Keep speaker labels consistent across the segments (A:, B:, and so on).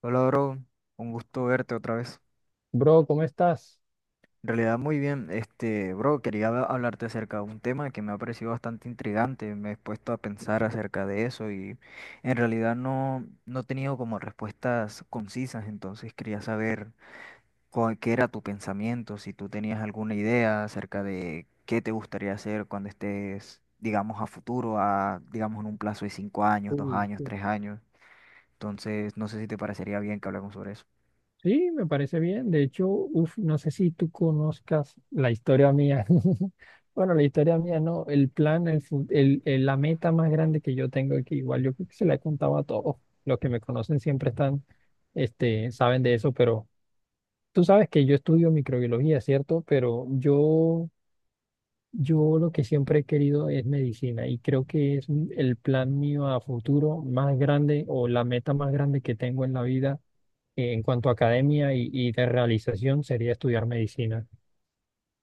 A: Hola, bro. Un gusto verte otra vez.
B: Bro, ¿cómo estás?
A: En realidad, muy bien. Bro, quería hablarte acerca de un tema que me ha parecido bastante intrigante. Me he puesto a pensar acerca de eso y en realidad no he tenido como respuestas concisas. Entonces, quería saber qué era tu pensamiento, si tú tenías alguna idea acerca de qué te gustaría hacer cuando estés, digamos, a futuro, a, digamos, en un plazo de cinco años, dos
B: Uh,
A: años,
B: sí.
A: tres años. Entonces, no sé si te parecería bien que hablemos sobre eso.
B: Sí, me parece bien. De hecho, uf, no sé si tú conozcas la historia mía. Bueno, la historia mía no, el plan, el, fu- el- la meta más grande que yo tengo, que igual yo creo que se la he contado a todos. Los que me conocen siempre están, saben de eso, pero tú sabes que yo estudio microbiología, ¿cierto? Pero yo lo que siempre he querido es medicina y creo que el plan mío a futuro más grande o la meta más grande que tengo en la vida en cuanto a academia y de realización sería estudiar medicina.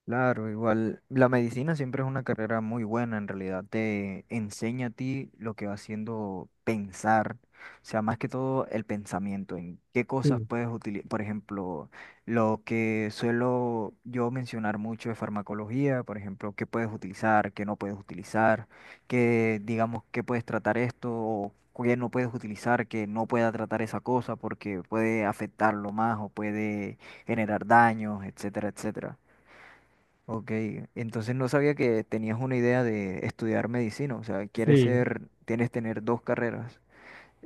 A: Claro, igual la medicina siempre es una carrera muy buena, en realidad te enseña a ti lo que va haciendo pensar, o sea, más que todo el pensamiento, en qué cosas
B: Sí,
A: puedes utilizar, por ejemplo, lo que suelo yo mencionar mucho de farmacología, por ejemplo, qué puedes utilizar, qué no puedes utilizar, qué, digamos, qué puedes tratar esto o qué no puedes utilizar, que no pueda tratar esa cosa porque puede afectarlo más o puede generar daños, etcétera, etcétera. Ok, entonces no sabía que tenías una idea de estudiar medicina, o sea, quieres
B: sí,
A: ser, tienes tener dos carreras.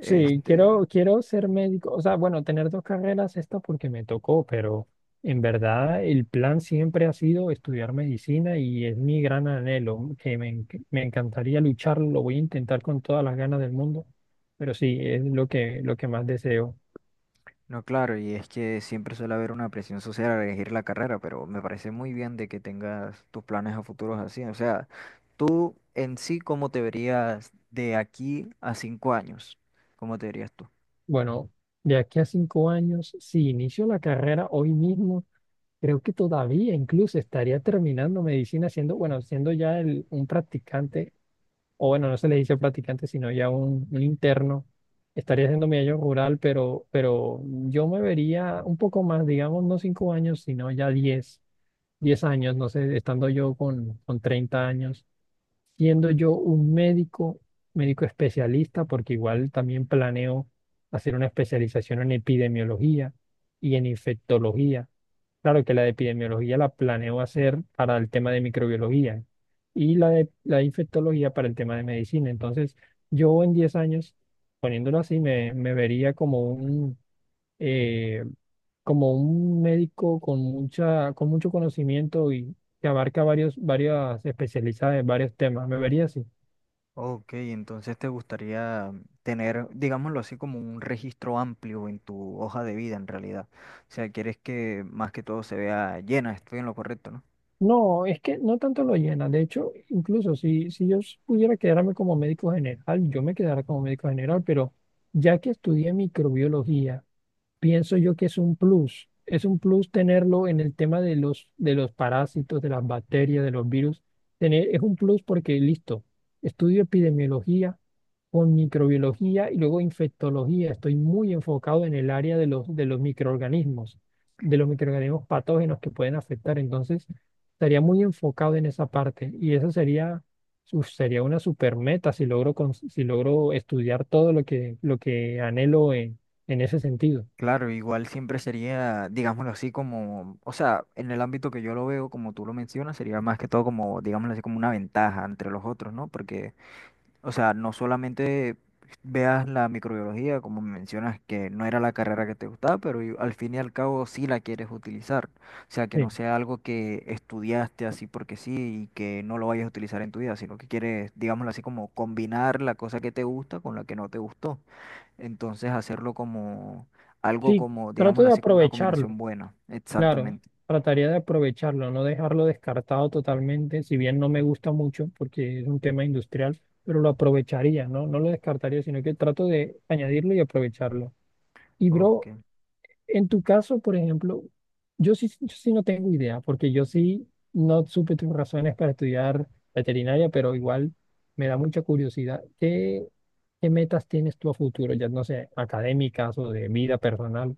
B: sí, quiero, quiero ser médico, o sea, bueno, tener dos carreras, esta porque me tocó, pero en verdad el plan siempre ha sido estudiar medicina y es mi gran anhelo, me encantaría lucharlo, lo voy a intentar con todas las ganas del mundo, pero sí, es lo que más deseo.
A: no, claro, y es que siempre suele haber una presión social al elegir la carrera, pero me parece muy bien de que tengas tus planes a futuros así. O sea, tú en sí, ¿cómo te verías de aquí a cinco años? ¿Cómo te verías tú?
B: Bueno, de aquí a 5 años, si inicio la carrera hoy mismo, creo que todavía incluso estaría terminando medicina siendo, bueno, siendo un practicante, o bueno, no se le dice practicante, sino un interno. Estaría haciendo mi año rural, pero yo me vería un poco más, digamos, no 5 años, sino ya 10, 10 años, no sé, estando yo con 30 años, siendo yo un médico, médico especialista, porque igual también planeo hacer una especialización en epidemiología y en infectología. Claro que la de epidemiología la planeo hacer para el tema de microbiología y la de infectología para el tema de medicina. Entonces, yo en 10 años, poniéndolo así, me vería como eh, como un médico con con mucho conocimiento y que abarca varias especialidades, varios temas. Me vería así.
A: Ok, entonces te gustaría tener, digámoslo así, como un registro amplio en tu hoja de vida en realidad. O sea, quieres que más que todo se vea llena, estoy en lo correcto, ¿no?
B: No, es que no tanto lo llena. De hecho, incluso si yo pudiera quedarme como médico general, yo me quedara como médico general, pero ya que estudié microbiología, pienso yo que es un plus. Es un plus tenerlo en el tema de de los parásitos, de las bacterias, de los virus. Tener, es un plus porque, listo, estudio epidemiología con microbiología y luego infectología. Estoy muy enfocado en el área de de los microorganismos patógenos que pueden afectar. Entonces, estaría muy enfocado en esa parte y eso sería, uf, sería una super meta si si logro estudiar todo lo que anhelo en ese sentido.
A: Claro, igual siempre sería, digámoslo así, como, o sea, en el ámbito que yo lo veo, como tú lo mencionas, sería más que todo como, digámoslo así, como una ventaja entre los otros, ¿no? Porque o sea, no solamente veas la microbiología, como mencionas, que no era la carrera que te gustaba, pero al fin y al cabo sí la quieres utilizar. O sea, que no
B: Sí,
A: sea algo que estudiaste así porque sí y que no lo vayas a utilizar en tu vida, sino que quieres, digámoslo así, como combinar la cosa que te gusta con la que no te gustó. Entonces hacerlo como algo
B: sí,
A: como,
B: trato
A: digámoslo
B: de
A: así, como una
B: aprovecharlo.
A: combinación buena.
B: Claro,
A: Exactamente.
B: trataría de aprovecharlo, no dejarlo descartado totalmente, si bien no me gusta mucho porque es un tema industrial, pero lo aprovecharía, ¿no? No lo descartaría, sino que trato de añadirlo y aprovecharlo. Y
A: Ok.
B: bro, en tu caso, por ejemplo, yo sí no tengo idea, porque yo sí no supe tus razones para estudiar veterinaria, pero igual me da mucha curiosidad. ¿Qué metas tienes tú a futuro? Ya no sé, académicas o de vida personal.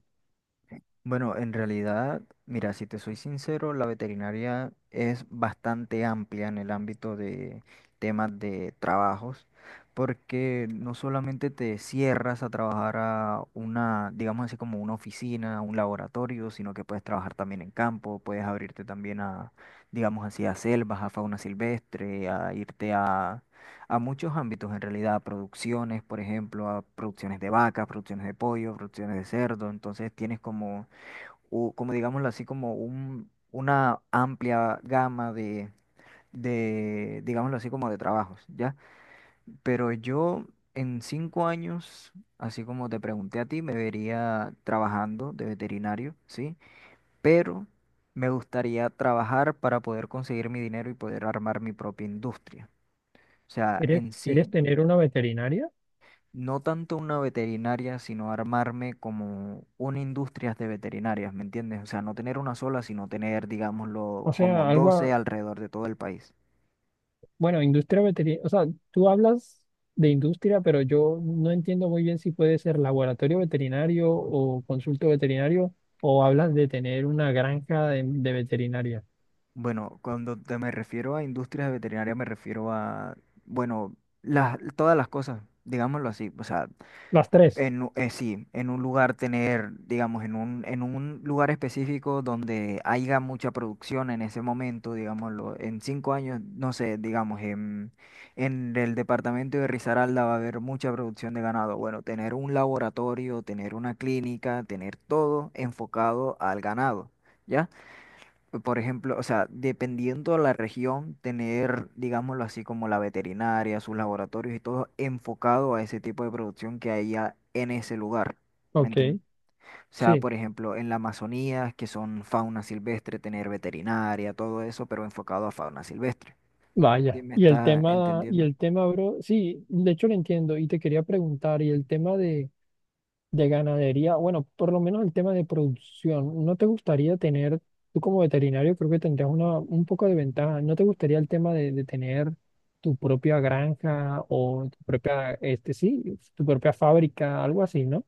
A: Bueno, en realidad, mira, si te soy sincero, la veterinaria es bastante amplia en el ámbito de temas de trabajos, porque no solamente te cierras a trabajar a una, digamos así como una oficina, un laboratorio, sino que puedes trabajar también en campo, puedes abrirte también a, digamos así, a selvas, a fauna silvestre, a irte a muchos ámbitos en realidad, a producciones, por ejemplo, a producciones de vacas, producciones de pollo, producciones de cerdo, entonces tienes como como digámoslo así, como un, una amplia gama de, digámoslo así, como de trabajos, ¿ya? Pero yo en cinco años, así como te pregunté a ti, me vería trabajando de veterinario, ¿sí? Pero me gustaría trabajar para poder conseguir mi dinero y poder armar mi propia industria. O sea, en
B: ¿Quieres
A: sí...
B: tener una veterinaria?
A: no tanto una veterinaria, sino armarme como una industria de veterinarias, ¿me entiendes? O sea, no tener una sola, sino tener, digámoslo,
B: O
A: como
B: sea,
A: 12
B: algo,
A: alrededor de todo el país.
B: bueno, industria veterinaria, o sea, tú hablas de industria, pero yo no entiendo muy bien si puede ser laboratorio veterinario o consulto veterinario o hablas de tener una granja de veterinaria.
A: Bueno, cuando te me refiero a industrias veterinarias, me refiero a, bueno, las, todas las cosas, digámoslo así. O sea,
B: Las tres.
A: en, sí, en un lugar tener, digamos, en un lugar específico donde haya mucha producción en ese momento, digámoslo, en cinco años, no sé, digamos, en el departamento de Risaralda va a haber mucha producción de ganado. Bueno, tener un laboratorio, tener una clínica, tener todo enfocado al ganado, ¿ya? Por ejemplo, o sea, dependiendo de la región, tener, digámoslo así, como la veterinaria, sus laboratorios y todo enfocado a ese tipo de producción que haya en ese lugar. ¿Me
B: Ok,
A: entiendes? O sea,
B: sí,
A: por ejemplo, en la Amazonía, que son fauna silvestre, tener veterinaria, todo eso, pero enfocado a fauna silvestre. ¿Sí
B: vaya.
A: me estás
B: Y
A: entendiendo?
B: el tema, bro, sí, de hecho lo entiendo y te quería preguntar, y el tema de ganadería, bueno, por lo menos el tema de producción, ¿no te gustaría tener, tú como veterinario creo que tendrías una, un poco de ventaja, ¿no te gustaría el tema de tener tu propia granja o tu propia, este sí, tu propia fábrica, algo así, ¿no?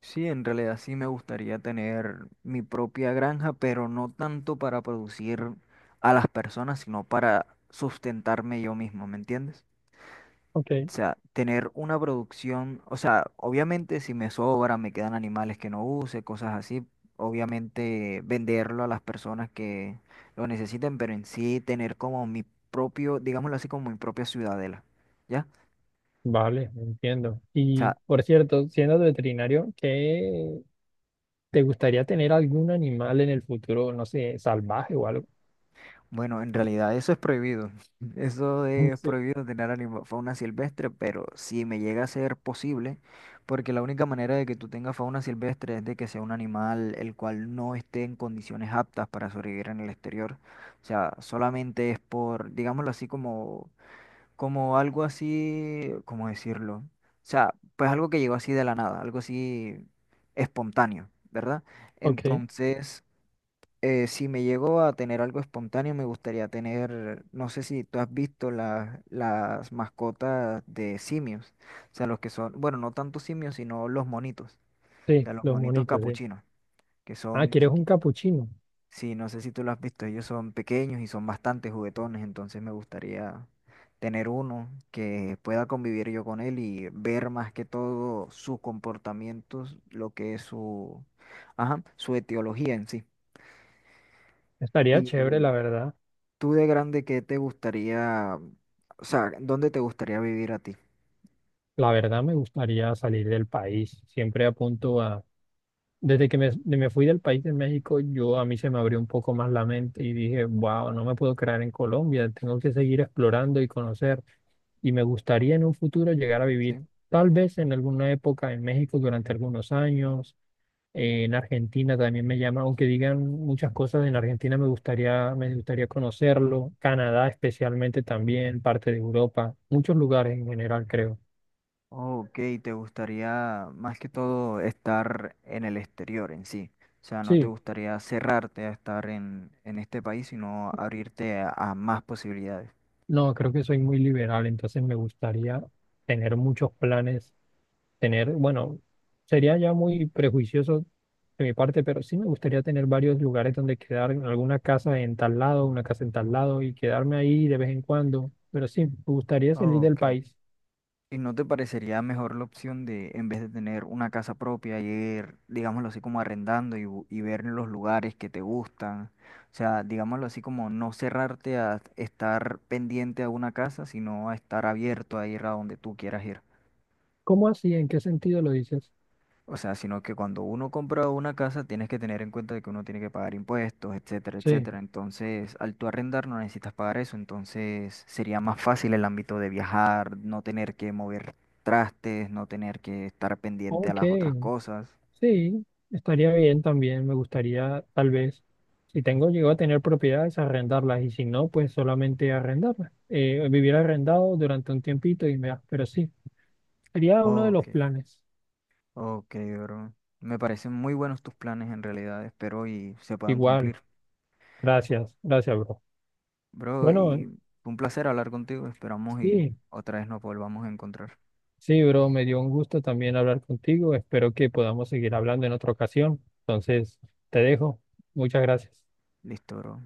A: Sí, en realidad sí me gustaría tener mi propia granja, pero no tanto para producir a las personas, sino para sustentarme yo mismo, ¿me entiendes?
B: Ok,
A: O sea, tener una producción, o sea, obviamente si me sobra, me quedan animales que no use, cosas así, obviamente venderlo a las personas que lo necesiten, pero en sí tener como mi propio, digámoslo así, como mi propia ciudadela, ¿ya?
B: vale, entiendo.
A: O
B: Y
A: sea,
B: por cierto, siendo veterinario, ¿qué te gustaría tener algún animal en el futuro, no sé, salvaje o algo?
A: bueno, en realidad eso es prohibido. Eso es
B: Sí.
A: prohibido tener fauna silvestre, pero si me llega a ser posible, porque la única manera de que tú tengas fauna silvestre es de que sea un animal el cual no esté en condiciones aptas para sobrevivir en el exterior. O sea, solamente es por, digámoslo así, como, como algo así, ¿cómo decirlo? O sea, pues algo que llegó así de la nada, algo así espontáneo, ¿verdad?
B: Ok,
A: Entonces... si me llego a tener algo espontáneo, me gustaría tener, no sé si tú has visto las mascotas de simios, o sea, los que son, bueno, no tanto simios, sino los monitos, o
B: sí,
A: sea, los
B: los
A: monitos
B: monitos, sí.
A: capuchinos, que
B: Ah,
A: son
B: ¿quieres un
A: chiquitos.
B: capuchino?
A: Sí, no sé si tú lo has visto, ellos son pequeños y son bastante juguetones, entonces me gustaría tener uno que pueda convivir yo con él y ver más que todo sus comportamientos, lo que es su, ajá, su etiología en sí.
B: Estaría chévere, la verdad.
A: Tú de grande, ¿qué te gustaría, o sea, dónde te gustaría vivir a ti?
B: La verdad me gustaría salir del país. Siempre apunto a... Desde que me fui del país de México, yo a mí se me abrió un poco más la mente y dije, wow, no me puedo quedar en Colombia, tengo que seguir explorando y conocer. Y me gustaría en un futuro llegar a vivir
A: ¿Sí?
B: tal vez en alguna época en México durante algunos años. En Argentina también me llama, aunque digan muchas cosas, en Argentina me gustaría conocerlo. Canadá especialmente también, parte de Europa, muchos lugares en general, creo.
A: Oh, ok, te gustaría más que todo estar en el exterior en sí. O sea, no te
B: Sí.
A: gustaría cerrarte a estar en este país, sino abrirte a más posibilidades.
B: No, creo que soy muy liberal, entonces me gustaría tener muchos planes, tener, bueno, sería ya muy prejuicioso de mi parte, pero sí me gustaría tener varios lugares donde quedar, en alguna casa en tal lado, una casa en tal lado y quedarme ahí de vez en cuando, pero sí, me gustaría salir del
A: Ok.
B: país.
A: ¿Y no te parecería mejor la opción de, en vez de tener una casa propia, ir, digámoslo así, como arrendando y, y ver los lugares que te gustan? O sea, digámoslo así, como no cerrarte a estar pendiente a una casa, sino a estar abierto a ir a donde tú quieras ir.
B: ¿Cómo así? ¿En qué sentido lo dices?
A: O sea, sino que cuando uno compra una casa tienes que tener en cuenta de que uno tiene que pagar impuestos, etcétera,
B: Sí,
A: etcétera. Entonces, al tú arrendar no necesitas pagar eso, entonces sería más fácil el ámbito de viajar, no tener que mover trastes, no tener que estar pendiente a
B: ok,
A: las otras cosas.
B: sí, estaría bien también. Me gustaría, tal vez, si tengo, llego a tener propiedades, arrendarlas y si no, pues solamente arrendarlas. Vivir arrendado durante un tiempito y me... Pero sí, sería uno de los
A: Ok,
B: planes.
A: ok, bro. Me parecen muy buenos tus planes en realidad, espero y se puedan
B: Igual,
A: cumplir.
B: gracias, bro.
A: Bro,
B: Bueno,
A: y fue un placer hablar contigo, esperamos y
B: sí,
A: otra vez nos volvamos a encontrar.
B: sí, bro, me dio un gusto también hablar contigo. Espero que podamos seguir hablando en otra ocasión. Entonces, te dejo. Muchas gracias.
A: Listo, bro.